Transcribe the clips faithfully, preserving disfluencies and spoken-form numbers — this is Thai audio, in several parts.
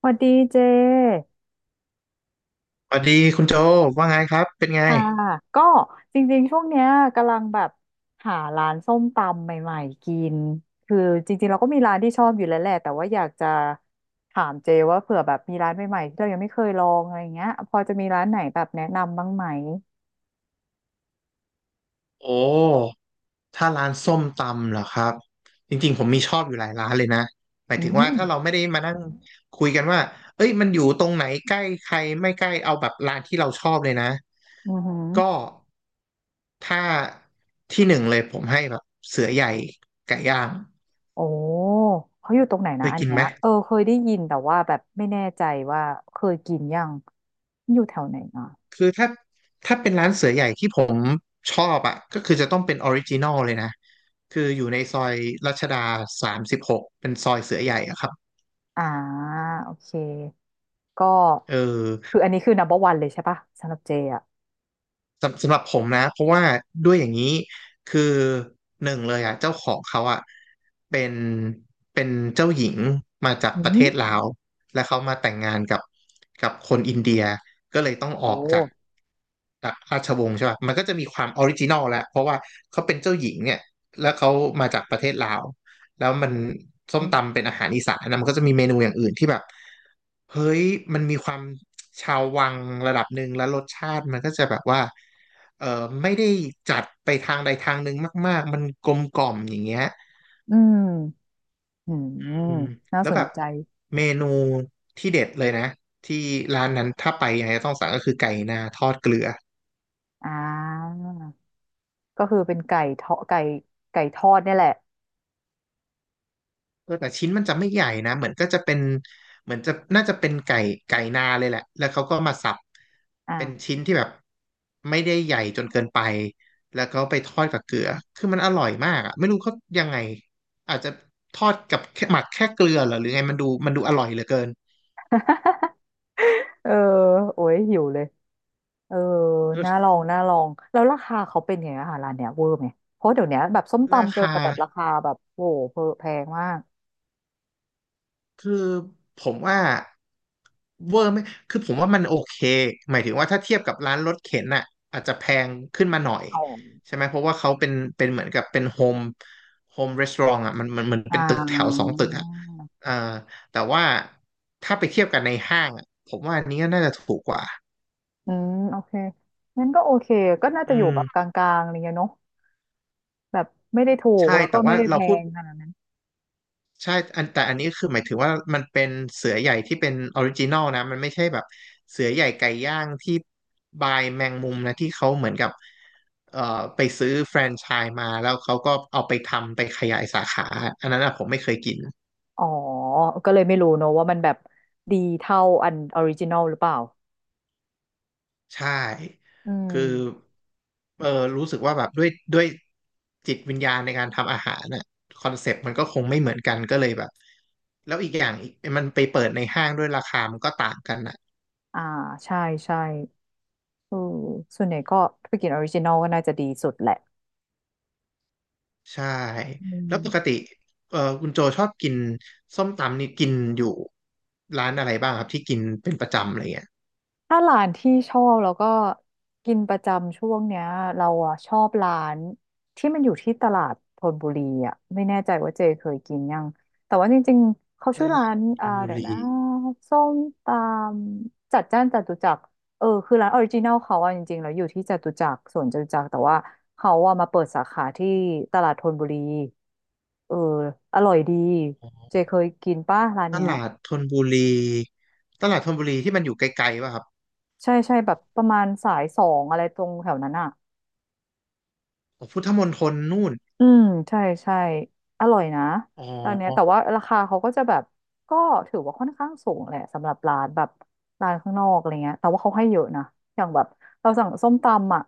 สวัสดีเจ สวัสดีคุณโจว่าไงครับเป็นไงค่ะ ก็จริงๆ ช่วงเนี้ยกำลังแบบหาร้านส้มตำใหม่ๆกินคือจริงๆเราก็มีร้านที่ชอบอยู่แล้วแหละแต่ว่าอยากจะถามเจว่าเผื่อแบบมีร้านใหม่ๆที่เรายังไม่เคยลองอะไรเงี้ยพอจะมีร้านไหนแบบแนะนำบ้างไหมโอ้ถ้าร้านส้มตำเหรอครับจริงๆผมมีชอบอยู่หลายร้านเลยนะหมายอืถึงว่ามถ้าเราไม่ได้มานั่งคุยกันว่าเอ้ยมันอยู่ตรงไหนใกล้ใครไม่ใกล้เอาแบบร้านที่เราชอบเลยนะอือหือก็ถ้าที่หนึ่งเลยผมให้แบบเสือใหญ่ไก่ย่างโอ้เขาอยู่ตรงไหนเคนะยอันกินเนี้ไหม ยเออเคยได้ยินแต่ว่าแบบไม่แน่ใจว่าเคยกินยังอยู่แถวไหนอ่ะคือถ้าถ้าเป็นร้านเสือใหญ่ที่ผมชอบอ่ะก็คือจะต้องเป็นออริจินอลเลยนะคืออยู่ในซอยรัชดาสามสิบหกเป็นซอยเสือใหญ่อะครับอ่าโอเค ก็เออ คืออันนี้คือ นัมเบอร์ วัน เบอร์วันเลยใช่ปะสำหรับเจอ่ะสำสำหรับผมนะเพราะว่าด้วยอย่างนี้คือหนึ่งเลยอ่ะเจ้าของเขาอ่ะเป็นเป็นเจ้าหญิงมาจากอืประเทศมลาวและเขามาแต่งงานกับกับคนอินเดียก็เลยต้องโอออกจาก้จากราชวงศ์ใช่ป่ะมันก็จะมีความออริจินอลแหละเพราะว่าเขาเป็นเจ้าหญิงเนี่ยแล้วเขามาจากประเทศลาวแล้วมันส้อืมมตำเป็นอาหารอีสานนะมันก็จะมีเมนูอย่างอื่นที่แบบ เฮ้ย มันมีความชาววังระดับหนึ่งแล้วรสชาติมันก็จะแบบว่าเออไม่ได้จัดไปทางใดทางหนึ่งมากๆ มันกลมกล่อมอย่างเงี้ยอืมอือืมมน่าแล้สวแบนบใจเมนูที่เด็ดเลยนะที่ร้านนั้นถ้าไปยังไงก็ต้องสั่งก็คือไก่นาทอดเกลือ อ่าก็คือเป็นไก่ทอดไก่ไก่ทอดเนี่ยแหละเออแต่ชิ้นมันจะไม่ใหญ่นะเหมือนก็จะเป็นเหมือนจะน่าจะเป็นไก่ไก่นาเลยแหละแล้วเขาก็มาสับอ่า เป็นชิ้นที่แบบไม่ได้ใหญ่จนเกินไปแล้วเขาไปทอดกับเกลือคือมันอร่อยมากอ่ะไม่รู้เขายังไงอาจจะทอดกับแค่หมักแค่เกลือเหรอหรือไงมันดูมันดูอร่อยเหลือเกิน เออโอ้ยหิวเลยเออเออน่าลองน่าลองแล้วราคาเขาเป็นไงอาหารร้านเนี้ยเวอร์ไหมเพราะเดี๋ยวเนี้ยแบบส้มราตำเจอคา แต่แบบราคาแบบโอ้โหแพงมากคือผมว่าเวอร์ไหมคือผมว่ามันโอเค หมายถึงว่าถ้าเทียบกับร้านรถเข็นน่ะอาจจะแพงขึ้นมาหน่อยอ๋อใช่ไหมเพราะว่าเขาเป็นเป็นเหมือนกับเป็นโฮมโฮมรีสอร์ทอ่ะมันมันเหมอนอ่เป็นตึกแถวสองา ตึกอ่ะเอ่อแต่ว่าถ้าไปเทียบกันในห้างอ่ะผมว่าอันนี้ก็น่าจะถูกกว่าอืมโอเคงั้นก็โอเคก็น่าจะอือยู่มแบบกลางๆอะไรเงี้ยเนาะแบบไม่ได้ถูกใช่แล้วก็แต่ไม่ว่าได้แพเราพูด งขนาดนั้นใช่อันแต่อันนี้คือหมายถึงว่ามันเป็นเสือใหญ่ที่เป็นออริจินอลนะมันไม่ใช่แบบเสือใหญ่ไก่ย่างที่บายแมงมุมนะที่เขาเหมือนกับเอ่อไปซื้อแฟรนไชส์มาแล้วเขาก็เอาไปทำไปขยายสาขาอันนั้นอะผมไม่เคยกินอ๋อก็เลยไม่รู้เนอะว่ามันแบบดีเท่าอันออริจินอลหรือเปล่าใช่อืคือมเออรู้สึกว่าแบบด้วยด้วยจิตวิญญาณในการทำอาหารน่ะคอนเซปต์มันก็คงไม่เหมือนกันก็เลยแบบแล้วอีกอย่างอีกมันไปเปิดในห้างด้วยราคามันก็ต่างกันนะ อ่าใช่ใช่เออส่วนใหญ่ก็ไปกินออริจินอลก็น่าจะดีสุดแหละใช่อืม แล้วปกติเอ่อคุณโจชอบกินส้มตำนี่กินอยู่ร้านอะไรบ้างครับที่กินเป็นประจำอะไรเงี้ยถ้าร้านที่ชอบแล้วก็กินประจำช่วงเนี้ยเราอ่ะชอบร้านที่มันอยู่ที่ตลาดธนบุรีอ่ะไม่แน่ใจว่าเจเคยกินยังแต่ว่าจริงๆเขาตชื่อร้าลาดนธอ่านบุเดี๋ยวรีนะส้มตำจัดจ้านจตุจักรเออคือร้านออริจินัลเขาอ่ะจริงๆแล้วอยู่ที่จตุจักรสวนจตุจักรแต่ว่าเขาอ่ะมาเปิดสาขาที่ตลาดธนบุรีเอออร่อยดีเจเคยกินป้ะร้านตเนี้ยลาดธนบุรีตลาดธนบุรีที่มันอยู่ไกลๆป่ะครับใช่ใช่แบบประมาณสายสองอะไรตรงแถวนั้นอ่ะ อ๋อพุทธมณฑลนู่นอืมใช่ใช่อร่อยนะอ๋อร้านเนี้ยแต่ว่าราคาเขาก็จะแบบก็ถือว่าค่อนข้างสูงแหละสำหรับร้านแบบร้านข้างนอกอะไรเงี้ยแต่ว่าเขาให้เยอะนะอย่างแบบเราสั่งส้มตำอ่ะ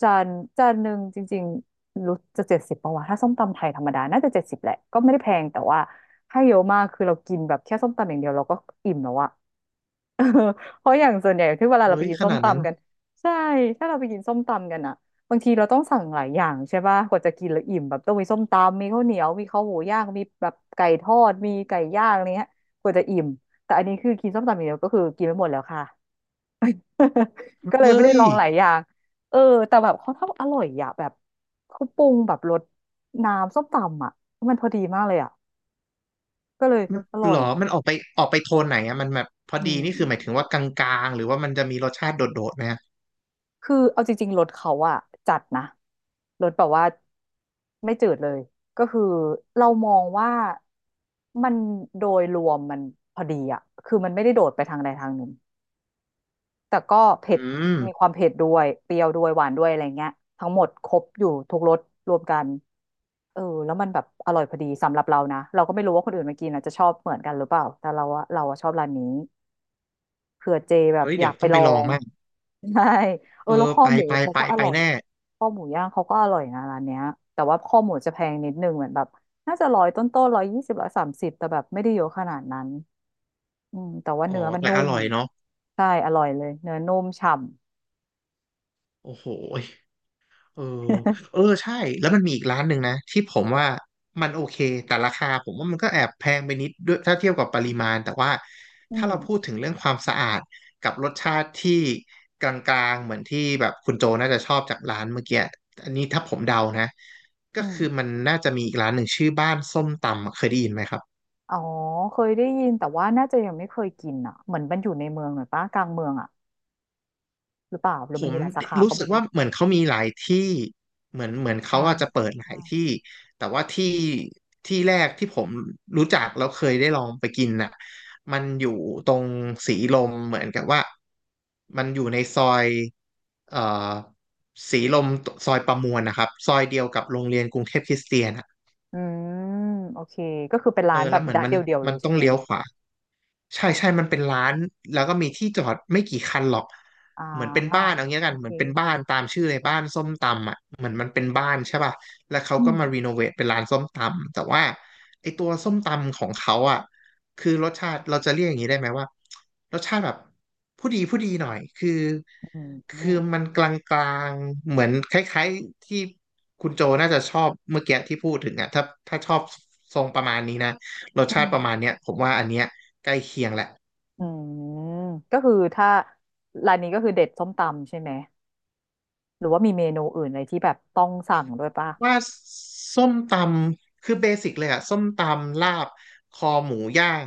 จานจานหนึ่งจริงๆรู้จะเจ็ดสิบปะวะถ้าส้มตำไทยธรรมดาน่าจะเจ็ดสิบแหละก็ไม่ได้แพงแต่ว่าให้เยอะมากคือเรากินแบบแค่ส้มตำอย่างเดียวเราก็อิ่มแล้วอะ เพราะอย่างส่วนใหญ่ที่เวลาเฮ้เราไปยกินขส้มนาดนั้นตำกันใช่ถ้าเราไปกินส้มตำกันอะบางทีเราต้องสั่งหลายอย่างใช่ป่ะกว่าจะกินแล้วอิ่มแบบต้องมีส้มตำมีข้าวเหนียวมีข้าวหมูย่างมีแบบไก่ทอดมีไก่ย่างอะไรเงี้ยกว่าจะอิ่มแต่อันนี้คือกินส้มตำอย่างเดียวก็คือกินไม่หมดแล้วค่ะ ก็เลยไม่เฮ้ได้ยลองหลายอย่างเออแต่แบบเขาทำอร่อยอะแบบเขาปรุงแบบรสน้ำส้มตำอะมันพอดีมากเลยอะก็เลยมันอร่อหรยอมันออกไปออกไปโทนไหนอะมันแบบพออืดีนี่คือหมายถึม งว่ากลางๆหรือว่ามันจะมีรสชาติโดดๆไหมฮะคือเอาจริงๆรถเขาอะจัดนะรถแบบว่าไม่จืดเลยก็คือเรามองว่ามันโดยรวมมันพอดีอะคือมันไม่ได้โดดไปทางใดทางหนึ่งแต่ก็เผ็อืดมมีความเผ็ดด้วยเปรี้ยวด้วยหวานด้วยอะไรเงี้ยทั้งหมดครบอยู่ทุกรสรวมกันเออแล้วมันแบบอร่อยพอดีสำหรับเรานะเราก็ไม่รู้ว่าคนอื่นมากินอาจจะชอบเหมือนกันหรือเปล่าแต่เราอะเราอะชอบร้านนี้ เผื่อเจแบบเฮ้ยอยาเดี๋ยวกไปต้องลไปอลองง มั่ง ใช่เอเออแล้วอข้อไปหมูไปเขาไปก็อไปร่อยแน่ข้อหมูย่างเขาก็อร่อยนะร้านเนี้ยแต่ว่าข้อหมูจะแพงนิดนึงเหมือนแบบน่าจะร้อยต้นๆร้อยยี่สิบร้อยสามสิบแต่แบบไม่ได้เยอะขนาดนั้นอืมแต่ว่าอ๋อเนื้อมันแต่นุ่อมร่อยเนาะ ใช่อร่อยเลยเนื้อนุ่มฉ่ำ โอ้โหยเออเออใช่แล้วมันมีอีกร้านหนึ่งนะที่ผมว่ามันโอเคแต่ราคาผมว่ามันก็แอบแพงไปนิดด้วยถ้าเทียบกับปริมาณแต่ว่า อืถ้าเราพูดมถึงเรื่องความสะอาดกับรสชาติที่กลางๆเหมือนที่แบบคุณโจน่าจะชอบจากร้านเมื่อกี้อันนี้ถ้าผมเดานะก็อืคือมมันน่าจะมีอีกร้านหนึ่งชื่อบ้านส้มตำเคยได้ยินไหมครับ อ๋อเคยได้ยินแต่ว่าน่าจะยังไม่เคยกินอ่ะเหมือนมันอยู่ในเมืองหน่อยปะกลางเมืองอ่ะหรือเปล่าหรืผอมันมมีหลายสาขารู้ก็สึไม่กรู้ว่าเหมือนเขามีหลายที่เหมือนเหมือนอ่เขาอาจจะเปิดหลายที่า แต่ว่าที่ที่แรกที่ผมรู้จักแล้วเคยได้ลองไปกินน่ะมันอยู่ตรงสีลมเหมือนกับว่ามันอยู่ในซอยเอ่อสีลมซอยประมวลนะครับซอยเดียวกับโรงเรียนกรุงเทพคริสเตียนอ่ะอืมโอเคก็คือเป็นเอร้าอนแบแล้วบเหมือนร้านมันเดียวๆเลมันยต้ใช่องไหมเลี้ยวขวา ใช่ใช่มันเป็นร้านแล้วก็มีที่จอดไม่กี่คันหรอก อ่เหมือนเป็นบ้านาเอาเงี้ยกัโอนเหเคมือนเป็นบ้านตามชื่อเลยบ้านส้มตำอ่ะเหมือนมันเป็นบ้านใช่ป่ะแล้วเขาอืก็มมารีโนเวทเป็นร้านส้มตำแต่ว่าไอตัวส้มตำของเขาอ่ะคือรสชาติเราจะเรียกอย่างนี้ได้ไหมว่ารสชาติแบบผู้ดีผู้ดีหน่อยคืออืมอืมคือมันกลางๆเหมือนคล้ายๆที่คุณโจน่าจะชอบเมื่อกี้ที่พูดถึงอ่ะถ้าถ้าชอบทรงประมาณนี้นะรสอืชาติปมระมาณเนี้ยผมว่าอันเนี้ย ใกล้เคียงแหละอืมก็คือถ้าร้านนี้ก็คือเด็ดส้มตำใช่ไหมหรือว่ามีเมนูอื่นอะไรที่แบบต้องสั่งด้วยป่ะว่าส้มตำคือเบสิกเลยอะส้มตำลาบคอหมูย่าง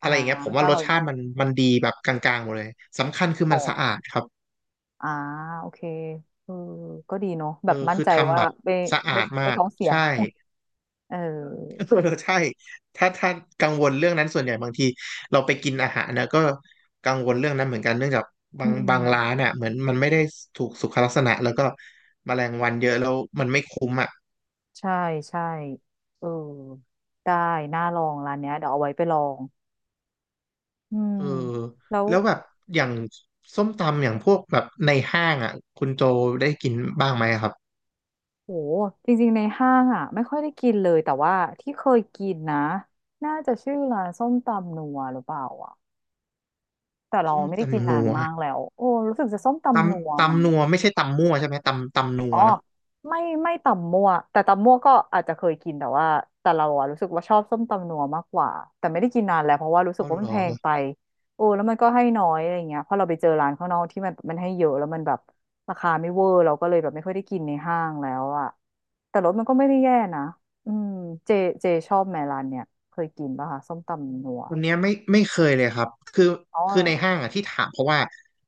อะอ่าไรอย่างเงี้ยผมก็ว่าอรร่สอยหชามดติมันมันดีแบบกลางๆหมดเลยสำคัญคืออ๋อมันสะอาดครับอ่าโอเคเออก็ดีเนาะเอแบอบมั่นคือใจทำว่าแบบไม่สะอาไม่ดมาไม่กท้องเสียใช่ เ เออออใช่ถ้าถ้ากังวลเรื่องนั้นส่วนใหญ่บางทีเราไปกินอาหารเนะก็กังวลเรื่องนั้นเหมือนกันเนื่องจากบาอืงบางร้ามนอ่ะเหมือนมันไม่ได้ถูกสุขลักษณะแล้วก็แมลงวันเยอะแล้วมันไม่คุ้มอ่ะ ใช่ใช่เออได้น่าลองร้านเนี้ยเดี๋ยวเอาไว้ไปลอง อืมเออแล้วแล้วแบบอย่างส้มตำอย่างพวกแบบในห้างอ่ะคุณโจได้กินบ้างไหมครับโหจริงๆในห้างอ่ะไม่ค่อยได้กินเลยแต่ว่าที่เคยกินนะน่าจะชื่อร้านส้มตำนัวหรือเปล่าอ่ะแต่เราส้มไม่ได้กินตำนานันวมากแล้วโอ้รู้สึกจะส้มตตำนัวำมั้ง ตำนัวไม่ใช่ตำมั่วใช่ไหมตำตำนัอ๋วอเนอะไม่ไม่ตำมั่วแต่ตำมั่วก็อาจจะเคยกินแต่ว่าแต่เราอะรู้สึกว่าชอบส้มตำนัวมากกว่าแต่ไม่ได้กินนานแล้วเพราะว่ารู้สึอ๋กอว่าเหมัรนอ แพงไปโอ้แล้วมันก็ให้น้อยอะไรเงี้ยเพราะเราไปเจอร้านข้างนอกที่มันมันให้เยอะแล้วมันแบบราคาไม่เวอร์เราก็เลยแบบไม่ค่อยได้กินในห้างแล้วอะแต่รสมันก็ไม่ได้แย่นะอืมเจเจชอบแมร้านเนี่ยเคยกินป่ะคะส้มตำนัววันเนี้ยไม่ไม่เคยเลยครับคืออ๋คือในอห้างอ่ะที่ถามเพราะว่า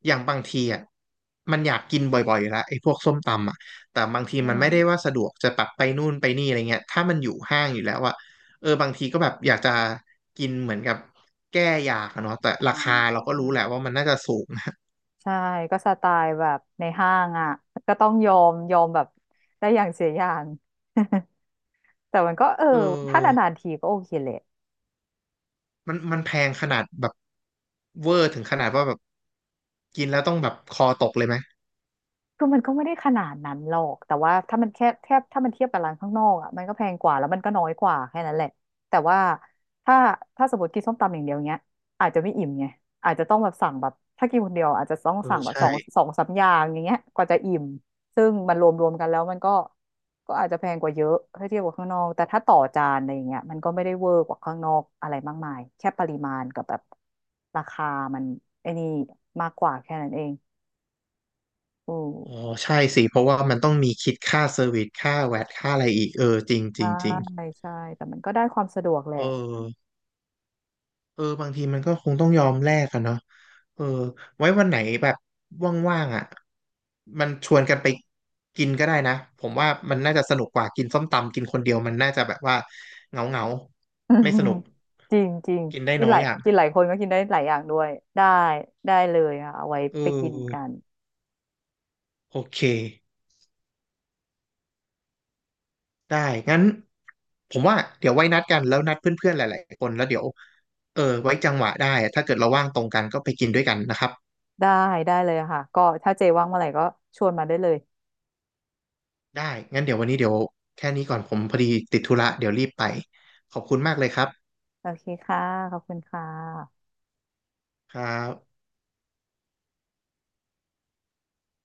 อย่างบางทีอ่ะมันอยากกินบ่อยๆอยู่แล้วไอ้พวกส้มตำอ่ะแต่บางทีอืมันไม่มได้ว่าสะดวกจะแบบไปนู่นไปนี่อะไรเงี้ยถ้ามันอยู่ห้างอยู่แล้วอ่ะเออบางทีก็แบบอยากจะกินเหมือนกับแก้อยากอะเนาะแต่ราคาเราก็รู้แหละอ่า ว่ามันน่าจะสูงนะใช่ก็สไตล์แบบในห้างอ่ะก็ต้องยอมยอมแบบได้อย่างเสียอย่าง แต่มันก็เออเอถ้าอนานๆทีก็โอเคแหละ มันมันแพงขนาดแบบเวอร์ถึงขนาดว่าแบบกินแล้วต้องแบบคอตกเลยไหมคือมันก็ไม่ได้ขนาดนั้นหรอกแต่ว่าถ้ามันแค่แทบถ้ามันเทียบกับร้านข้างนอกอ่ะมันก็แพงกว่าแล้วมันก็น้อยกว่าแค่นั้นแหละแต่ว่าถ้าถ้าสมมติกินส้มตำอย่างเดียวเนี้ยอาจจะไม่อิ่มไงอาจจะต้องแบบสั่งแบบถ้ากินคนเดียวอาจจะต้องเอสั่องแบบสใช่ องสองสามอย่างอย่างเงี้ยกว่าจะอิ่มซึ่งมันรวมรวมกันแล้วมันก็ก็อาจจะแพงกว่าเยอะถ้าเทียบกับข้างนอกแต่ถ้าต่อจานอะไรอย่างเงี้ยมันก็ไม่ได้เวอร์กว่าข้างนอกอะไรมากมายแค่ปริมาณกับแบบราคามันไอ้นี่มากกว่าแค่นั้นเองอือ๋ออ ใช่สิเพราะว่ามันต้องมีคิดค่าเซอร์วิสค่าแวตค่าอะไรอีกเออจริงจใช่ริงจริงใช่แต่มันก็ได้ความสะดวกแหละ เออเออบางทีมันก็คงต้องยอมแลกกันเนาะเออไว้วันไหนแบบว่างๆอ่ะมันชวนกันไปกินก็ได้นะผมว่ามันน่าจะสนุกกว่ากินส้มตำกินคนเดียวมันน่าจะแบบว่าเหงาเงา อืไม่มสนุกจริงจริงกินได้กินน้อหยลายอย่างกินหลายคนก็กินได้หลายอย่างด้วยได้ได้เลยค่ะเอาไว้เไปกินกัออนโอเคได้งั้นผมว่าเดี๋ยวไว้นัดกันแล้วนัดเพื่อนๆหลายๆคนแล้วเดี๋ยว เออไว้จังหวะได้ถ้าเกิดเราว่างตรงกันก็ไปกินด้วยกันนะครับได้ได้เลยค่ะก็ถ้าเจว่างเมื่อไหร่ก็ชวนมาได้เลยได้งั้นเดี๋ยววันนี้เดี๋ยวแค่นี้ก่อนผมพอดีติดธุระเดี๋ยวรีบไปขอบคุณมากเลยครับโอเคค่ะขอบคุณค่ะครับ